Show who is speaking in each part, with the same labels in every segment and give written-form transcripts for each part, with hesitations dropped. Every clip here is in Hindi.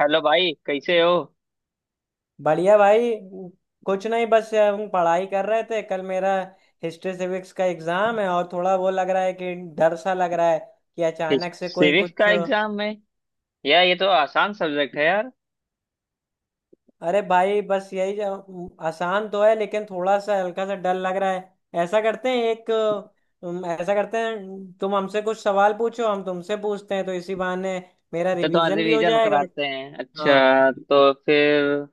Speaker 1: हेलो भाई कैसे हो।
Speaker 2: बढ़िया भाई। कुछ नहीं, बस हम पढ़ाई कर रहे थे। कल मेरा हिस्ट्री सिविक्स का एग्जाम है और थोड़ा वो लग रहा है कि डर सा लग रहा है कि अचानक से कोई
Speaker 1: सिविक्स
Speaker 2: कुछ।
Speaker 1: का एग्जाम है। यार ये तो आसान सब्जेक्ट है यार।
Speaker 2: अरे भाई बस आसान तो है, लेकिन थोड़ा सा हल्का सा डर लग रहा है। ऐसा करते हैं, तुम हमसे कुछ सवाल पूछो, हम तुमसे पूछते हैं, तो इसी बहाने मेरा
Speaker 1: तो तुम्हारा
Speaker 2: रिवीजन भी हो
Speaker 1: रिवीजन
Speaker 2: जाएगा।
Speaker 1: कराते हैं।
Speaker 2: हाँ।
Speaker 1: अच्छा तो फिर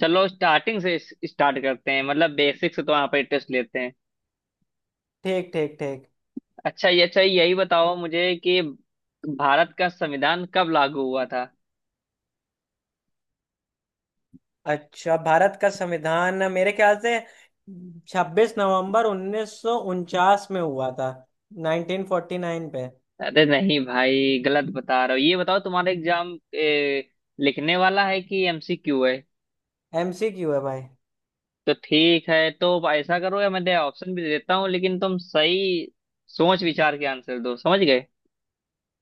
Speaker 1: चलो स्टार्टिंग से स्टार्ट करते हैं मतलब बेसिक से। तो वहाँ पर टेस्ट लेते हैं।
Speaker 2: ठीक ठीक ठीक।
Speaker 1: अच्छा ये अच्छा यही बताओ मुझे कि भारत का संविधान कब लागू हुआ था।
Speaker 2: अच्छा, भारत का संविधान मेरे ख्याल से 26 नवंबर 1949 में हुआ था, 1949 पे।
Speaker 1: अरे नहीं भाई गलत बता रहे हो। ये बताओ तुम्हारा एग्जाम लिखने वाला है कि एमसीक्यू है।
Speaker 2: एमसीक्यू है भाई।
Speaker 1: तो ठीक है, तो ऐसा करो, या मैं दे ऑप्शन भी देता हूँ लेकिन तुम सही सोच विचार के आंसर दो, समझ गए।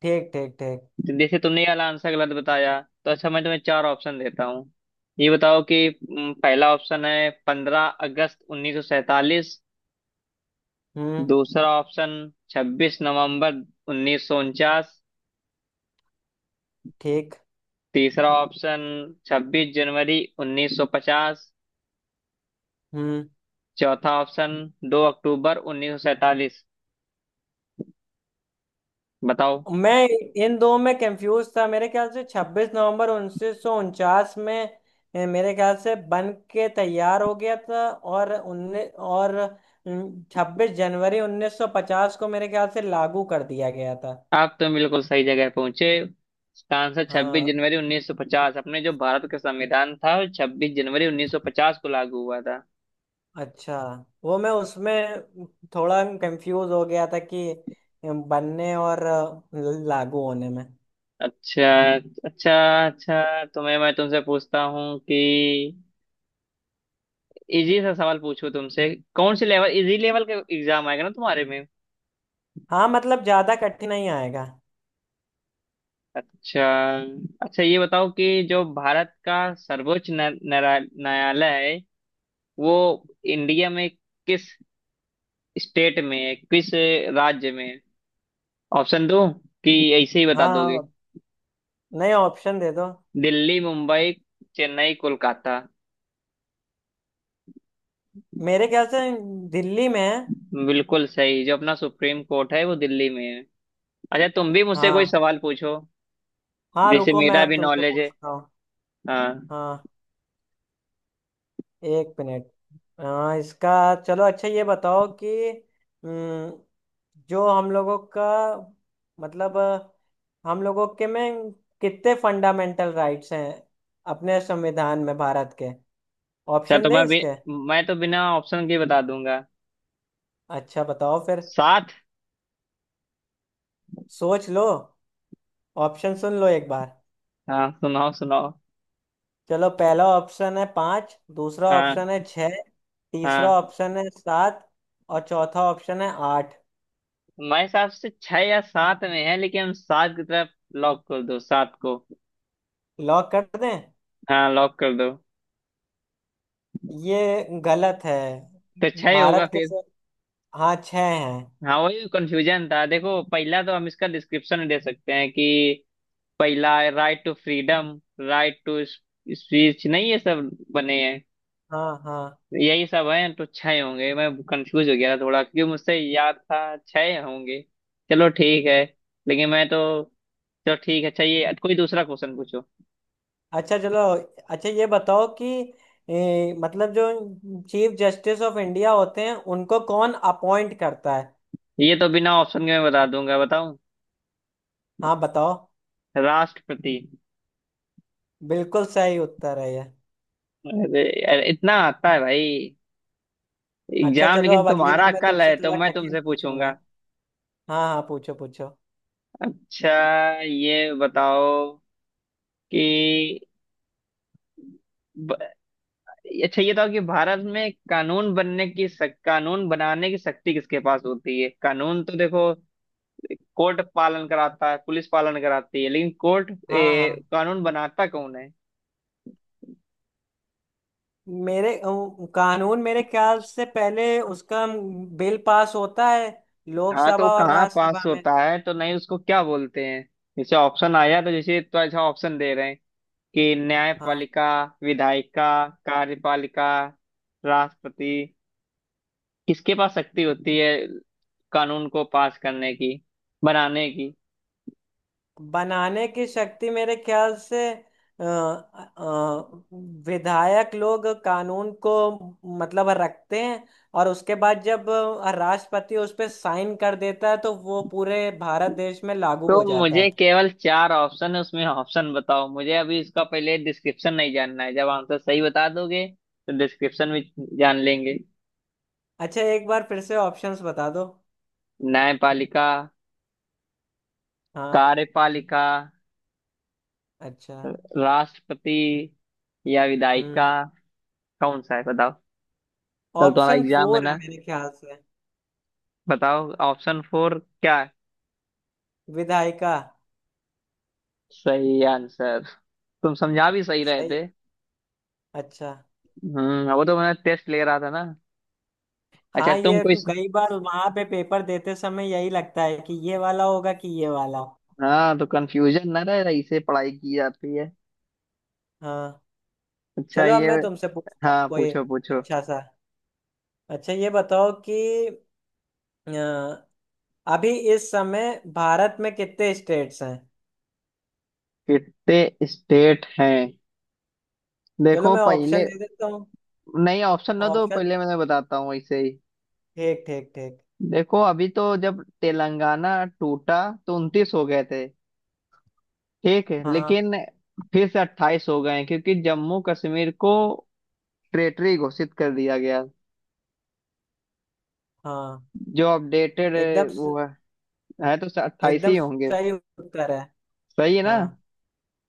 Speaker 2: ठीक ठीक ठीक।
Speaker 1: तो जैसे तुमने ये वाला आंसर गलत बताया तो अच्छा मैं तुम्हें चार ऑप्शन देता हूँ। ये बताओ कि पहला ऑप्शन है 15 अगस्त 1947।
Speaker 2: हम्म।
Speaker 1: दूसरा ऑप्शन 26 नवंबर 1949।
Speaker 2: ठीक।
Speaker 1: तीसरा ऑप्शन 26 जनवरी 1950।
Speaker 2: हम्म।
Speaker 1: चौथा ऑप्शन 2 अक्टूबर 1947। बताओ।
Speaker 2: मैं इन दो में कंफ्यूज था। मेरे ख्याल से छब्बीस नवंबर उन्नीस सौ उनचास में मेरे ख्याल से बन के तैयार हो गया था, और उन्नीस और 26 जनवरी 1950 को मेरे ख्याल से लागू कर दिया गया था।
Speaker 1: आप तो बिल्कुल सही जगह पहुंचे। इसका आंसर 26
Speaker 2: हाँ।
Speaker 1: जनवरी 1950। अपने जो भारत का संविधान था वो 26 जनवरी 1950 को लागू हुआ था।
Speaker 2: अच्छा। वो मैं उसमें थोड़ा कंफ्यूज हो गया था कि बनने और लागू होने में।
Speaker 1: अच्छा, अच्छा। अच्छा तो मैं तुमसे पूछता हूँ कि इजी सा सवाल पूछूं तुमसे। कौन से लेवल, इजी लेवल का एग्जाम आएगा ना तुम्हारे में।
Speaker 2: हाँ, मतलब ज्यादा कठिन नहीं आएगा।
Speaker 1: अच्छा। अच्छा ये बताओ कि जो भारत का सर्वोच्च न्यायालय है वो इंडिया में किस स्टेट में है, किस राज्य में है। ऑप्शन दो कि ऐसे ही बता
Speaker 2: हाँ
Speaker 1: दोगे।
Speaker 2: हाँ। नया ऑप्शन दे दो।
Speaker 1: दिल्ली, मुंबई, चेन्नई, कोलकाता।
Speaker 2: मेरे ख्याल से दिल्ली में है।
Speaker 1: बिल्कुल सही। जो अपना सुप्रीम कोर्ट है वो दिल्ली में है। अच्छा, तुम भी मुझसे कोई
Speaker 2: हाँ
Speaker 1: सवाल पूछो।
Speaker 2: हाँ,
Speaker 1: जैसे
Speaker 2: रुको, मैं
Speaker 1: मेरा
Speaker 2: अब
Speaker 1: भी
Speaker 2: तुमसे
Speaker 1: नॉलेज है।
Speaker 2: पूछता हूँ।
Speaker 1: हाँ।
Speaker 2: हाँ, एक मिनट। हाँ, इसका। चलो, अच्छा ये बताओ कि हम्म, जो हम लोगों का, मतलब हम लोगों के में कितने फंडामेंटल राइट्स हैं अपने संविधान में, भारत के।
Speaker 1: अच्छा
Speaker 2: ऑप्शन
Speaker 1: तो
Speaker 2: दें
Speaker 1: मैं भी,
Speaker 2: इसके?
Speaker 1: मैं तो बिना ऑप्शन के बता दूंगा।
Speaker 2: अच्छा, बताओ फिर।
Speaker 1: सात।
Speaker 2: सोच लो, ऑप्शन सुन लो एक बार।
Speaker 1: हाँ सुनाओ सुनाओ।
Speaker 2: चलो, पहला ऑप्शन है पाँच, दूसरा
Speaker 1: हाँ,
Speaker 2: ऑप्शन है छः, तीसरा
Speaker 1: हाँ।
Speaker 2: ऑप्शन है सात, और चौथा ऑप्शन है आठ।
Speaker 1: मेरे हिसाब से छह या सात में है, लेकिन हम सात की तरफ लॉक कर दो, सात को।
Speaker 2: लॉक कर दें?
Speaker 1: हाँ लॉक कर दो।
Speaker 2: ये गलत है।
Speaker 1: तो छह होगा
Speaker 2: भारत के
Speaker 1: फिर।
Speaker 2: सर-, हाँ छः हैं।
Speaker 1: हाँ वही कंफ्यूजन था। देखो पहला तो हम इसका डिस्क्रिप्शन दे सकते हैं कि पहला right to freedom, right to speech, नहीं ये सब बने हैं।
Speaker 2: हाँ हाँ।
Speaker 1: यही सब हैं, तो छह होंगे। मैं कंफ्यूज हो गया था थोड़ा क्योंकि मुझसे याद था छह होंगे। चलो ठीक है लेकिन मैं तो, चलो ठीक है। अच्छा ये कोई दूसरा क्वेश्चन पूछो।
Speaker 2: अच्छा चलो। अच्छा ये बताओ कि मतलब जो चीफ जस्टिस ऑफ इंडिया होते हैं उनको कौन अपॉइंट करता है।
Speaker 1: ये तो बिना ऑप्शन के मैं बता दूंगा, बताऊं।
Speaker 2: हाँ, बताओ।
Speaker 1: राष्ट्रपति।
Speaker 2: बिल्कुल सही उत्तर है ये।
Speaker 1: अरे, अरे इतना आता है भाई।
Speaker 2: अच्छा
Speaker 1: एग्जाम
Speaker 2: चलो,
Speaker 1: लेकिन
Speaker 2: अब अगली
Speaker 1: तुम्हारा
Speaker 2: बार मैं
Speaker 1: कल
Speaker 2: तुमसे
Speaker 1: है तो
Speaker 2: थोड़ा
Speaker 1: मैं
Speaker 2: कठिन
Speaker 1: तुमसे पूछूंगा।
Speaker 2: पूछूंगा। हाँ हाँ, पूछो पूछो।
Speaker 1: अच्छा ये बताओ कि ब- अच्छा ये बताओ कि भारत में कानून बनने की कानून बनाने की शक्ति किसके पास होती है। कानून तो देखो कोर्ट पालन कराता है, पुलिस पालन कराती है, लेकिन कोर्ट
Speaker 2: हाँ हाँ।
Speaker 1: कानून बनाता कौन है।
Speaker 2: मेरे कानून मेरे ख्याल से पहले उसका बिल पास होता है,
Speaker 1: हाँ तो वो
Speaker 2: लोकसभा और
Speaker 1: कहाँ पास
Speaker 2: राज्यसभा में।
Speaker 1: होता है, तो नहीं उसको क्या बोलते हैं। जैसे ऑप्शन आया तो जैसे, तो अच्छा ऑप्शन दे रहे हैं कि
Speaker 2: हाँ।
Speaker 1: न्यायपालिका, विधायिका, कार्यपालिका, राष्ट्रपति। किसके पास शक्ति होती है कानून को पास करने की, बनाने की।
Speaker 2: बनाने की शक्ति मेरे ख्याल से अ, अ, विधायक लोग कानून को, मतलब, रखते हैं, और उसके बाद जब राष्ट्रपति उस पे साइन कर देता है, तो वो पूरे भारत देश में लागू
Speaker 1: तो
Speaker 2: हो जाता
Speaker 1: मुझे
Speaker 2: है।
Speaker 1: केवल चार ऑप्शन है उसमें, ऑप्शन बताओ मुझे। अभी इसका पहले डिस्क्रिप्शन नहीं जानना है। जब आंसर सही बता दोगे तो डिस्क्रिप्शन भी जान लेंगे।
Speaker 2: अच्छा, एक बार फिर से ऑप्शंस बता दो।
Speaker 1: न्यायपालिका,
Speaker 2: हाँ।
Speaker 1: कार्यपालिका,
Speaker 2: अच्छा।
Speaker 1: राष्ट्रपति या विधायिका।
Speaker 2: हम्म।
Speaker 1: कौन सा है बताओ। कल तुम्हारा
Speaker 2: ऑप्शन
Speaker 1: एग्जाम है
Speaker 2: फोर है
Speaker 1: ना।
Speaker 2: मेरे ख्याल से।
Speaker 1: बताओ, ऑप्शन फोर क्या है।
Speaker 2: विधायिका।
Speaker 1: सही आंसर। तुम समझा भी सही रहे
Speaker 2: सही।
Speaker 1: थे।
Speaker 2: अच्छा।
Speaker 1: हम्म, वो तो मैं टेस्ट ले रहा था ना। अच्छा
Speaker 2: हाँ,
Speaker 1: तुम
Speaker 2: ये
Speaker 1: कोई।
Speaker 2: कई बार वहां पे पेपर देते समय यही लगता है कि ये वाला होगा कि ये वाला।
Speaker 1: हाँ, तो कंफ्यूजन ना रहे इसे पढ़ाई की जाती है।
Speaker 2: हाँ।
Speaker 1: अच्छा
Speaker 2: चलो, अब
Speaker 1: ये।
Speaker 2: मैं तुमसे पूछता हूँ
Speaker 1: हाँ
Speaker 2: कोई
Speaker 1: पूछो पूछो।
Speaker 2: अच्छा सा। अच्छा ये बताओ कि अ, अभी इस समय भारत में कितने स्टेट्स हैं।
Speaker 1: कितने स्टेट हैं।
Speaker 2: चलो,
Speaker 1: देखो
Speaker 2: मैं
Speaker 1: पहले।
Speaker 2: ऑप्शन दे देता हूँ।
Speaker 1: नहीं ऑप्शन ना दो,
Speaker 2: ऑप्शन।
Speaker 1: पहले मैं बताता हूँ इसे ही।
Speaker 2: ठीक ठीक ठीक।
Speaker 1: देखो अभी तो जब तेलंगाना टूटा तो 29 हो गए थे। ठीक है,
Speaker 2: हाँ
Speaker 1: लेकिन फिर से 28 हो गए हैं, क्योंकि जम्मू कश्मीर को टेरिटरी घोषित कर दिया गया।
Speaker 2: हाँ,
Speaker 1: जो अपडेटेड
Speaker 2: एकदम स-।
Speaker 1: वो है तो 28
Speaker 2: एकदम
Speaker 1: ही होंगे।
Speaker 2: सही उत्तर है।
Speaker 1: सही है ना।
Speaker 2: हाँ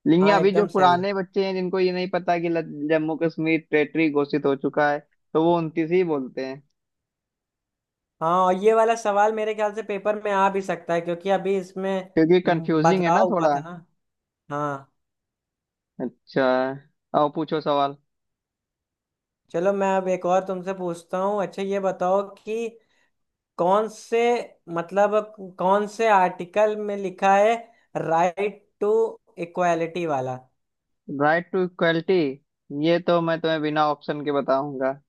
Speaker 1: लेकिन
Speaker 2: हाँ,
Speaker 1: अभी जो
Speaker 2: एकदम सही है।
Speaker 1: पुराने बच्चे हैं जिनको ये नहीं पता कि जम्मू कश्मीर टेरिटरी घोषित हो चुका है, तो वो 29 ही बोलते हैं।
Speaker 2: हाँ, और ये वाला सवाल मेरे ख्याल से पेपर में आ भी सकता है, क्योंकि अभी इसमें
Speaker 1: क्योंकि कंफ्यूजिंग है ना
Speaker 2: बदलाव हुआ
Speaker 1: थोड़ा।
Speaker 2: था ना। हाँ।
Speaker 1: अच्छा, और पूछो सवाल।
Speaker 2: चलो, मैं अब एक और तुमसे पूछता हूँ। अच्छा ये बताओ कि कौन से कौन से आर्टिकल में लिखा है राइट टू इक्वालिटी वाला।
Speaker 1: Right to equality. ये तो मैं तुम्हें बिना ऑप्शन के बताऊंगा,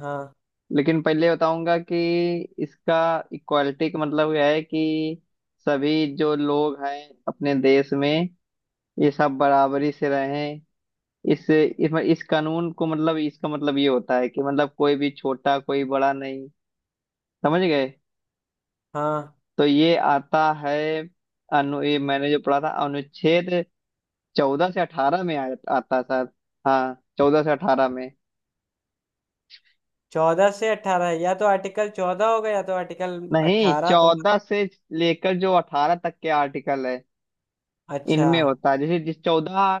Speaker 2: हाँ
Speaker 1: लेकिन पहले बताऊंगा कि इसका इक्वलिटी का मतलब यह है कि सभी जो लोग हैं अपने देश में ये सब बराबरी से रहें। इस कानून को मतलब इसका मतलब ये होता है कि मतलब कोई भी छोटा कोई बड़ा नहीं। समझ गए।
Speaker 2: हाँ।
Speaker 1: तो ये आता है। अनु, ये मैंने जो पढ़ा था अनुच्छेद 14 से 18 में आता है शायद। हाँ 14 से 18 में।
Speaker 2: 14 से 18, या तो आर्टिकल 14 होगा या तो आर्टिकल
Speaker 1: नहीं,
Speaker 2: 18। तुम?
Speaker 1: 14 से लेकर जो 18 तक के आर्टिकल है
Speaker 2: अच्छा।
Speaker 1: इनमें होता है। जैसे जिस 14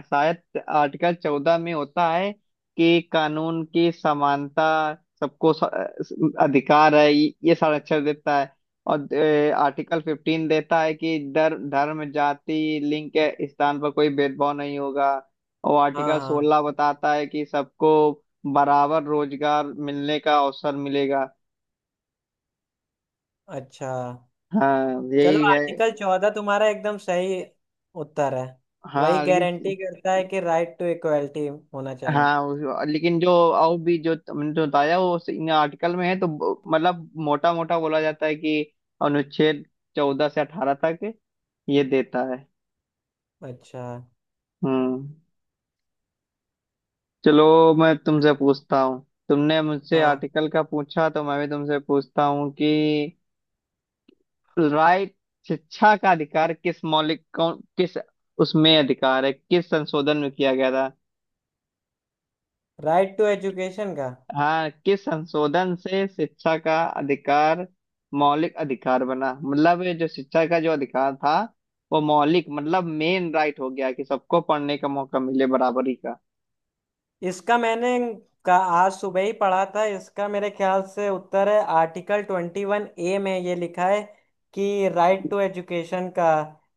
Speaker 1: शायद, आर्टिकल 14 में होता है कि कानून की समानता सबको अधिकार है, ये संरक्षण देता है। और आर्टिकल 15 देता है कि धर्म जाति लिंग के स्थान पर कोई भेदभाव नहीं होगा। और
Speaker 2: हाँ
Speaker 1: आर्टिकल
Speaker 2: हाँ।
Speaker 1: 16 बताता है कि सबको बराबर रोजगार मिलने का अवसर मिलेगा।
Speaker 2: अच्छा,
Speaker 1: हाँ
Speaker 2: चलो
Speaker 1: यही है।
Speaker 2: आर्टिकल 14 तुम्हारा एकदम सही उत्तर है। वही
Speaker 1: हाँ लेकिन।
Speaker 2: गारंटी करता है कि राइट टू इक्वालिटी होना चाहिए।
Speaker 1: हाँ लेकिन जो और भी जो तुमने जो बताया वो इन आर्टिकल में है। तो मतलब मोटा मोटा बोला जाता है कि अनुच्छेद 14 से 18 तक ये देता है।
Speaker 2: अच्छा।
Speaker 1: हम्म। चलो मैं तुमसे पूछता हूँ। तुमने मुझसे
Speaker 2: हाँ।
Speaker 1: आर्टिकल का पूछा तो मैं भी तुमसे पूछता हूँ कि राइट शिक्षा का अधिकार किस मौलिक, कौन किस उसमें अधिकार है, किस संशोधन में किया गया था।
Speaker 2: राइट टू एजुकेशन का।
Speaker 1: हाँ किस संशोधन से शिक्षा का अधिकार मौलिक अधिकार बना। मतलब ये जो शिक्षा का जो अधिकार था वो मौलिक मतलब मेन राइट हो गया कि सबको पढ़ने का मौका मिले बराबरी का।
Speaker 2: इसका मैंने का आज सुबह ही पढ़ा था। इसका मेरे ख्याल से उत्तर है, आर्टिकल 21A में ये लिखा है कि राइट टू एजुकेशन का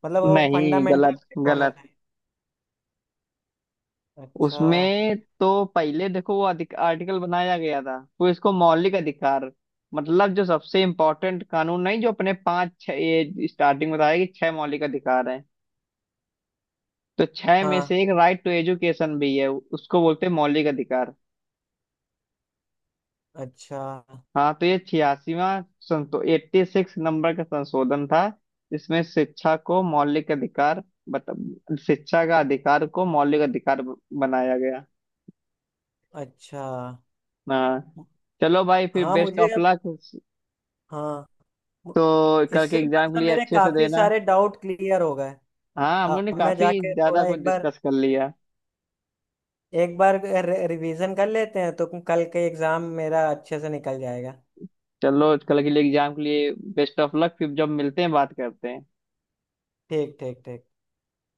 Speaker 2: मतलब वो
Speaker 1: नहीं,
Speaker 2: फंडामेंटल
Speaker 1: गलत,
Speaker 2: राइट होना
Speaker 1: गलत।
Speaker 2: चाहिए। अच्छा।
Speaker 1: उसमें तो पहले देखो वो अधिक आर्टिकल बनाया गया था, फिर इसको मौलिक अधिकार। मतलब जो सबसे इम्पोर्टेंट कानून, नहीं जो अपने पांच छह ये स्टार्टिंग में बताया कि छह मौलिक अधिकार हैं, तो छह में
Speaker 2: हाँ।
Speaker 1: से एक राइट टू एजुकेशन भी है, उसको बोलते हैं मौलिक अधिकार।
Speaker 2: अच्छा।
Speaker 1: हाँ तो ये 86वां, संतो 86 नंबर का संशोधन था। इसमें शिक्षा को मौलिक अधिकार बत, शिक्षा का अधिकार को मौलिक अधिकार बनाया गया।
Speaker 2: अच्छा।
Speaker 1: हाँ चलो भाई फिर
Speaker 2: हाँ,
Speaker 1: बेस्ट
Speaker 2: मुझे
Speaker 1: ऑफ
Speaker 2: अब,
Speaker 1: लक।
Speaker 2: हाँ, मु-,
Speaker 1: तो कल के
Speaker 2: इससे
Speaker 1: एग्जाम के
Speaker 2: मतलब
Speaker 1: लिए
Speaker 2: मेरे
Speaker 1: अच्छे से
Speaker 2: काफी
Speaker 1: देना।
Speaker 2: सारे डाउट क्लियर हो गए।
Speaker 1: हाँ हम लोग
Speaker 2: अब
Speaker 1: ने
Speaker 2: मैं
Speaker 1: काफी
Speaker 2: जाके
Speaker 1: ज्यादा
Speaker 2: थोड़ा
Speaker 1: कुछ
Speaker 2: एक बार,
Speaker 1: डिस्कस कर लिया।
Speaker 2: एक बार रिवीजन कर लेते हैं, तो कल के एग्जाम मेरा अच्छे से निकल जाएगा।
Speaker 1: चलो कल के लिए, एग्जाम के लिए बेस्ट ऑफ लक, फिर जब मिलते हैं बात करते हैं।
Speaker 2: ठीक ठीक ठीक।